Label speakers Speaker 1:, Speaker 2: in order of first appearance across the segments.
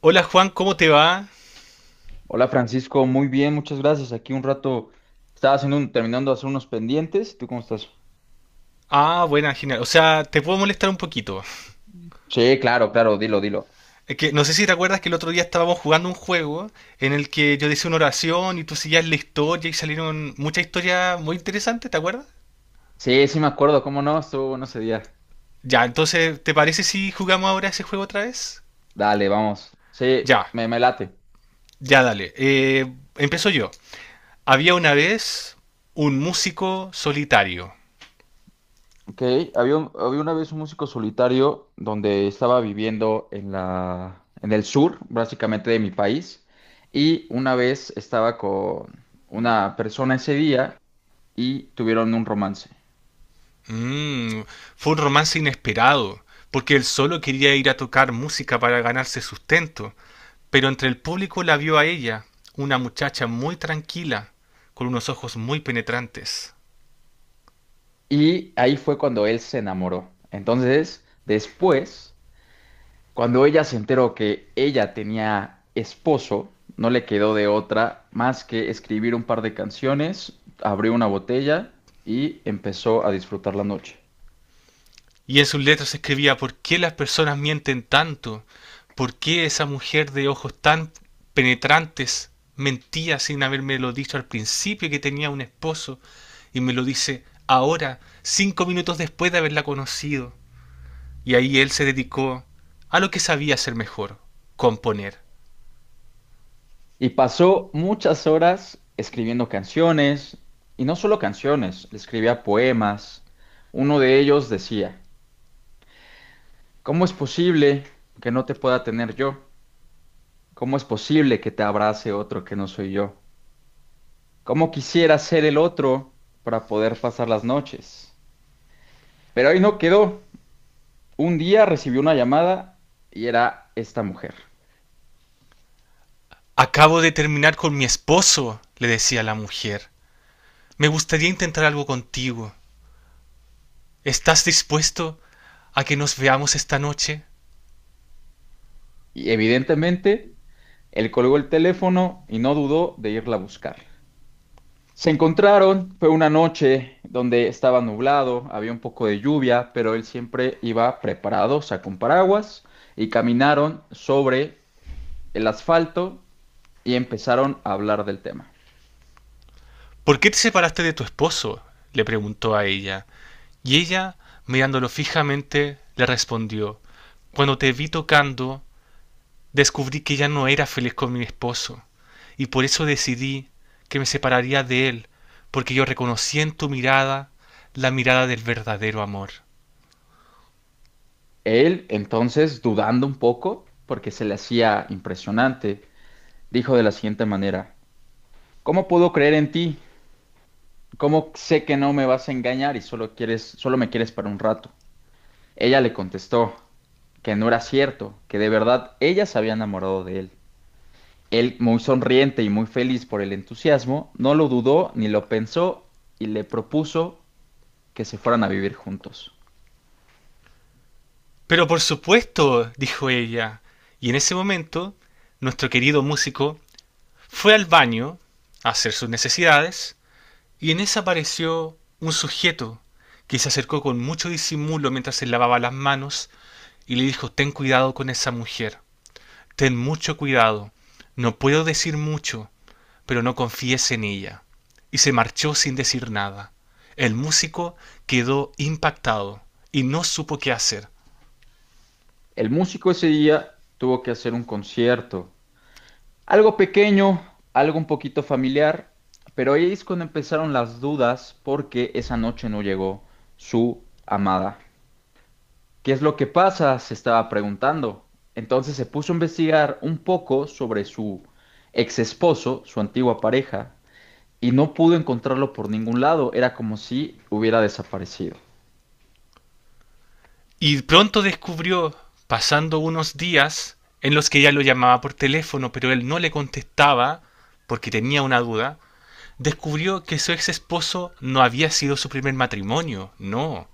Speaker 1: Hola Juan, ¿cómo te va?
Speaker 2: Hola Francisco, muy bien, muchas gracias. Aquí un rato estaba haciendo terminando de hacer unos pendientes. ¿Tú cómo estás?
Speaker 1: Ah, buena, genial. O sea, te puedo molestar un poquito.
Speaker 2: Sí, claro, claro, dilo, dilo.
Speaker 1: Es que no sé si te acuerdas que el otro día estábamos jugando un juego en el que yo decía una oración y tú seguías la historia y salieron muchas historias muy interesantes, ¿te acuerdas?
Speaker 2: Sí, sí me acuerdo, cómo no, estuvo bueno ese día.
Speaker 1: Ya, entonces, ¿te parece si jugamos ahora ese juego otra vez?
Speaker 2: Dale, vamos. Sí,
Speaker 1: Ya,
Speaker 2: me late.
Speaker 1: ya dale. Empiezo yo. Había una vez un músico solitario.
Speaker 2: Ok, había una vez un músico solitario donde estaba viviendo en en el sur, básicamente de mi país, y una vez estaba con una persona ese día y tuvieron un romance.
Speaker 1: Mm, fue un romance inesperado, porque él solo quería ir a tocar música para ganarse sustento, pero entre el público la vio a ella, una muchacha muy tranquila, con unos ojos muy penetrantes.
Speaker 2: Y ahí fue cuando él se enamoró. Entonces, después, cuando ella se enteró que ella tenía esposo, no le quedó de otra más que escribir un par de canciones, abrió una botella y empezó a disfrutar la noche.
Speaker 1: Y en sus letras escribía: ¿Por qué las personas mienten tanto? ¿Por qué esa mujer de ojos tan penetrantes mentía sin habérmelo dicho al principio que tenía un esposo y me lo dice ahora, 5 minutos después de haberla conocido? Y ahí él se dedicó a lo que sabía hacer mejor, componer.
Speaker 2: Y pasó muchas horas escribiendo canciones, y no solo canciones, le escribía poemas. Uno de ellos decía, ¿cómo es posible que no te pueda tener yo? ¿Cómo es posible que te abrace otro que no soy yo? Cómo quisiera ser el otro para poder pasar las noches. Pero ahí no quedó. Un día recibió una llamada y era esta mujer.
Speaker 1: Acabo de terminar con mi esposo, le decía la mujer. Me gustaría intentar algo contigo. ¿Estás dispuesto a que nos veamos esta noche?
Speaker 2: Y evidentemente, él colgó el teléfono y no dudó de irla a buscar. Se encontraron, fue una noche donde estaba nublado, había un poco de lluvia, pero él siempre iba preparado, sacó un paraguas y caminaron sobre el asfalto y empezaron a hablar del tema.
Speaker 1: ¿Por qué te separaste de tu esposo?, le preguntó a ella. Y ella, mirándolo fijamente, le respondió: Cuando te vi tocando, descubrí que ya no era feliz con mi esposo, y por eso decidí que me separaría de él, porque yo reconocí en tu mirada la mirada del verdadero amor.
Speaker 2: Él, entonces, dudando un poco, porque se le hacía impresionante, dijo de la siguiente manera: ¿cómo puedo creer en ti? ¿Cómo sé que no me vas a engañar y solo me quieres para un rato? Ella le contestó que no era cierto, que de verdad ella se había enamorado de él. Él, muy sonriente y muy feliz por el entusiasmo, no lo dudó ni lo pensó y le propuso que se fueran a vivir juntos.
Speaker 1: Pero por supuesto, dijo ella, y en ese momento nuestro querido músico fue al baño a hacer sus necesidades y en esa apareció un sujeto que se acercó con mucho disimulo mientras se lavaba las manos y le dijo: ten cuidado con esa mujer, ten mucho cuidado, no puedo decir mucho, pero no confíes en ella. Y se marchó sin decir nada. El músico quedó impactado y no supo qué hacer.
Speaker 2: El músico ese día tuvo que hacer un concierto. Algo pequeño, algo un poquito familiar, pero ahí es cuando empezaron las dudas porque esa noche no llegó su amada. ¿Qué es lo que pasa? Se estaba preguntando. Entonces se puso a investigar un poco sobre su ex esposo, su antigua pareja, y no pudo encontrarlo por ningún lado. Era como si hubiera desaparecido.
Speaker 1: Y pronto descubrió, pasando unos días, en los que ella lo llamaba por teléfono, pero él no le contestaba porque tenía una duda, descubrió que su ex esposo no había sido su primer matrimonio, no,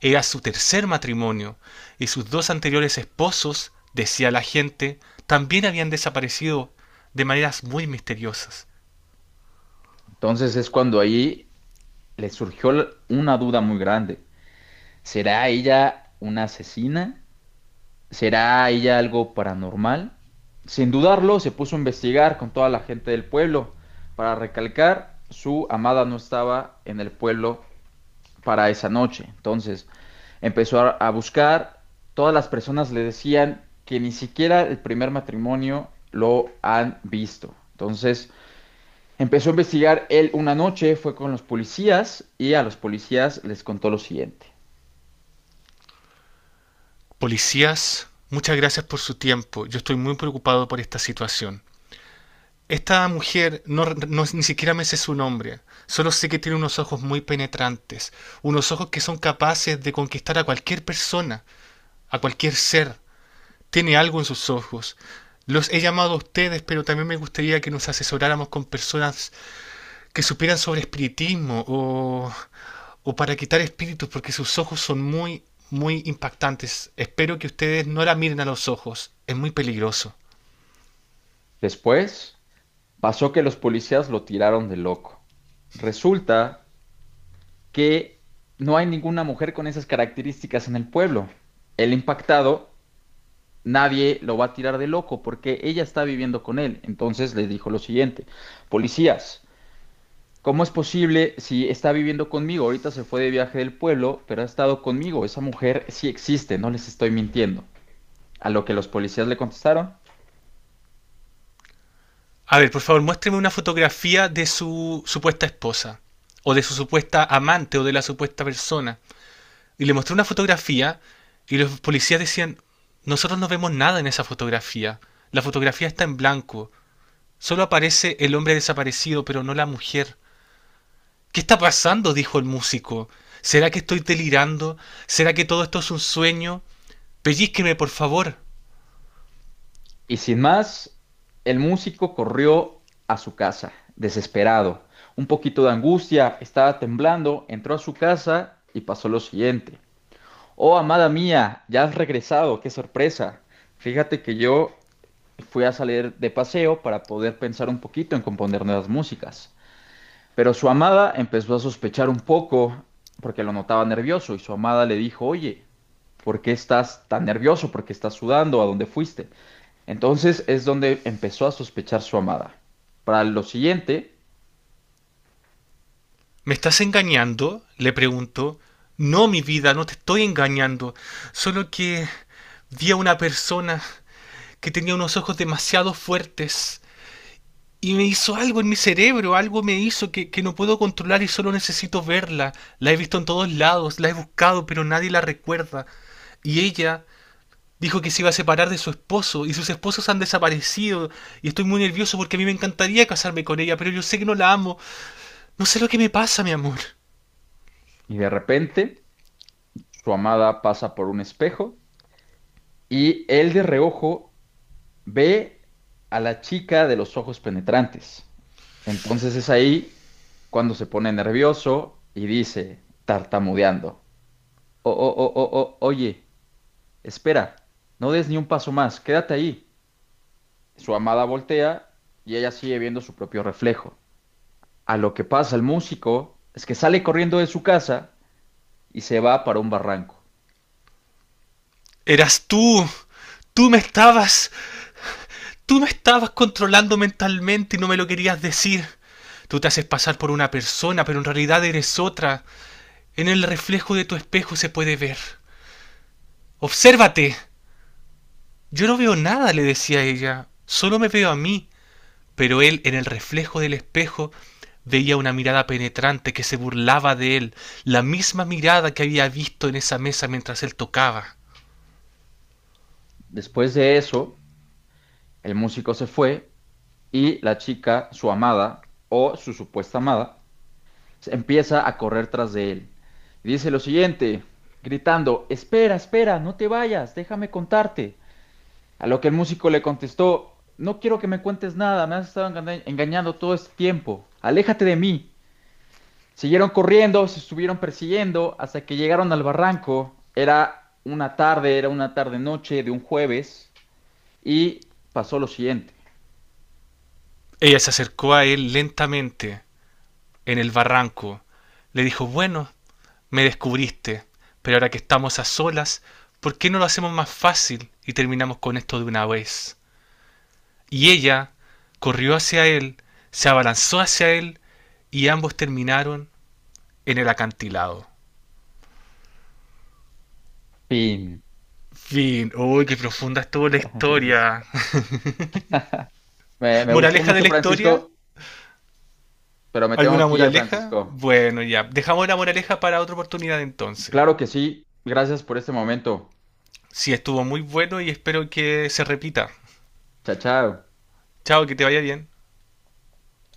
Speaker 1: era su tercer matrimonio, y sus dos anteriores esposos, decía la gente, también habían desaparecido de maneras muy misteriosas.
Speaker 2: Entonces es cuando ahí le surgió una duda muy grande. ¿Será ella una asesina? ¿Será ella algo paranormal? Sin dudarlo, se puso a investigar con toda la gente del pueblo. Para recalcar, su amada no estaba en el pueblo para esa noche. Entonces, a buscar. Todas las personas le decían que ni siquiera el primer matrimonio lo han visto. Entonces, empezó a investigar él una noche, fue con los policías y a los policías les contó lo siguiente.
Speaker 1: Policías, muchas gracias por su tiempo, yo estoy muy preocupado por esta situación. Esta mujer, ni siquiera me sé su nombre, solo sé que tiene unos ojos muy penetrantes, unos ojos que son capaces de conquistar a cualquier persona, a cualquier ser. Tiene algo en sus ojos. Los he llamado a ustedes, pero también me gustaría que nos asesoráramos con personas que supieran sobre espiritismo o para quitar espíritus, porque sus ojos son muy, muy impactantes. Espero que ustedes no la miren a los ojos, es muy peligroso.
Speaker 2: Después, pasó que los policías lo tiraron de loco. Resulta que no hay ninguna mujer con esas características en el pueblo. El impactado, nadie lo va a tirar de loco porque ella está viviendo con él. Entonces le dijo lo siguiente, policías, ¿cómo es posible si está viviendo conmigo? Ahorita se fue de viaje del pueblo, pero ha estado conmigo. Esa mujer sí existe, no les estoy mintiendo. A lo que los policías le contestaron.
Speaker 1: A ver, por favor, muéstreme una fotografía de su supuesta esposa, o de su supuesta amante, o de la supuesta persona. Y le mostré una fotografía y los policías decían: nosotros no vemos nada en esa fotografía. La fotografía está en blanco. Solo aparece el hombre desaparecido, pero no la mujer. ¿Qué está pasando?, dijo el músico. ¿Será que estoy delirando? ¿Será que todo esto es un sueño? Pellízqueme, por favor.
Speaker 2: Y sin más, el músico corrió a su casa, desesperado. Un poquito de angustia, estaba temblando, entró a su casa y pasó lo siguiente. Oh, amada mía, ya has regresado, qué sorpresa. Fíjate que yo fui a salir de paseo para poder pensar un poquito en componer nuevas músicas. Pero su amada empezó a sospechar un poco porque lo notaba nervioso y su amada le dijo, oye, ¿por qué estás tan nervioso? ¿Por qué estás sudando? ¿A dónde fuiste? Entonces es donde empezó a sospechar su amada. Para lo siguiente,
Speaker 1: ¿Me estás engañando?, le preguntó. No, mi vida, no te estoy engañando. Solo que vi a una persona que tenía unos ojos demasiado fuertes y me hizo algo en mi cerebro, algo me hizo que no puedo controlar y solo necesito verla. La he visto en todos lados, la he buscado, pero nadie la recuerda. Y ella dijo que se iba a separar de su esposo y sus esposos han desaparecido y estoy muy nervioso porque a mí me encantaría casarme con ella, pero yo sé que no la amo. No sé lo que me pasa, mi amor.
Speaker 2: y de repente, su amada pasa por un espejo y él de reojo ve a la chica de los ojos penetrantes. Entonces es ahí cuando se pone nervioso y dice, tartamudeando. Oye, espera, no des ni un paso más, quédate ahí. Su amada voltea y ella sigue viendo su propio reflejo. A lo que pasa el músico es que sale corriendo de su casa y se va para un barranco.
Speaker 1: Eras tú. Tú me estabas, Tú me estabas controlando mentalmente y no me lo querías decir. Tú te haces pasar por una persona, pero en realidad eres otra. En el reflejo de tu espejo se puede ver. Obsérvate. Yo no veo nada, le decía ella. Solo me veo a mí. Pero él, en el reflejo del espejo, veía una mirada penetrante que se burlaba de él, la misma mirada que había visto en esa mesa mientras él tocaba.
Speaker 2: Después de eso, el músico se fue y la chica, su amada o su supuesta amada, se empieza a correr tras de él. Y dice lo siguiente, gritando, espera, espera, no te vayas, déjame contarte. A lo que el músico le contestó, no quiero que me cuentes nada, me has estado engañando todo este tiempo, aléjate de mí. Siguieron corriendo, se estuvieron persiguiendo hasta que llegaron al barranco. Era una tarde noche de un jueves y pasó lo siguiente.
Speaker 1: Ella se acercó a él lentamente, en el barranco. Le dijo: bueno, me descubriste, pero ahora que estamos a solas, ¿por qué no lo hacemos más fácil y terminamos con esto de una vez? Y ella corrió hacia él, se abalanzó hacia él y ambos terminaron en el acantilado.
Speaker 2: Fin.
Speaker 1: Fin. Uy, qué profunda estuvo la historia.
Speaker 2: Francisco. Me, me gustó
Speaker 1: ¿Moraleja de
Speaker 2: mucho,
Speaker 1: la historia?
Speaker 2: Francisco, pero me
Speaker 1: ¿Alguna
Speaker 2: tengo que ir,
Speaker 1: moraleja?
Speaker 2: Francisco.
Speaker 1: Bueno, ya. Dejamos la moraleja para otra oportunidad entonces.
Speaker 2: Claro que sí. Gracias por este momento.
Speaker 1: Sí, estuvo muy bueno y espero que se repita.
Speaker 2: Chao, chao.
Speaker 1: Chao, que te vaya bien.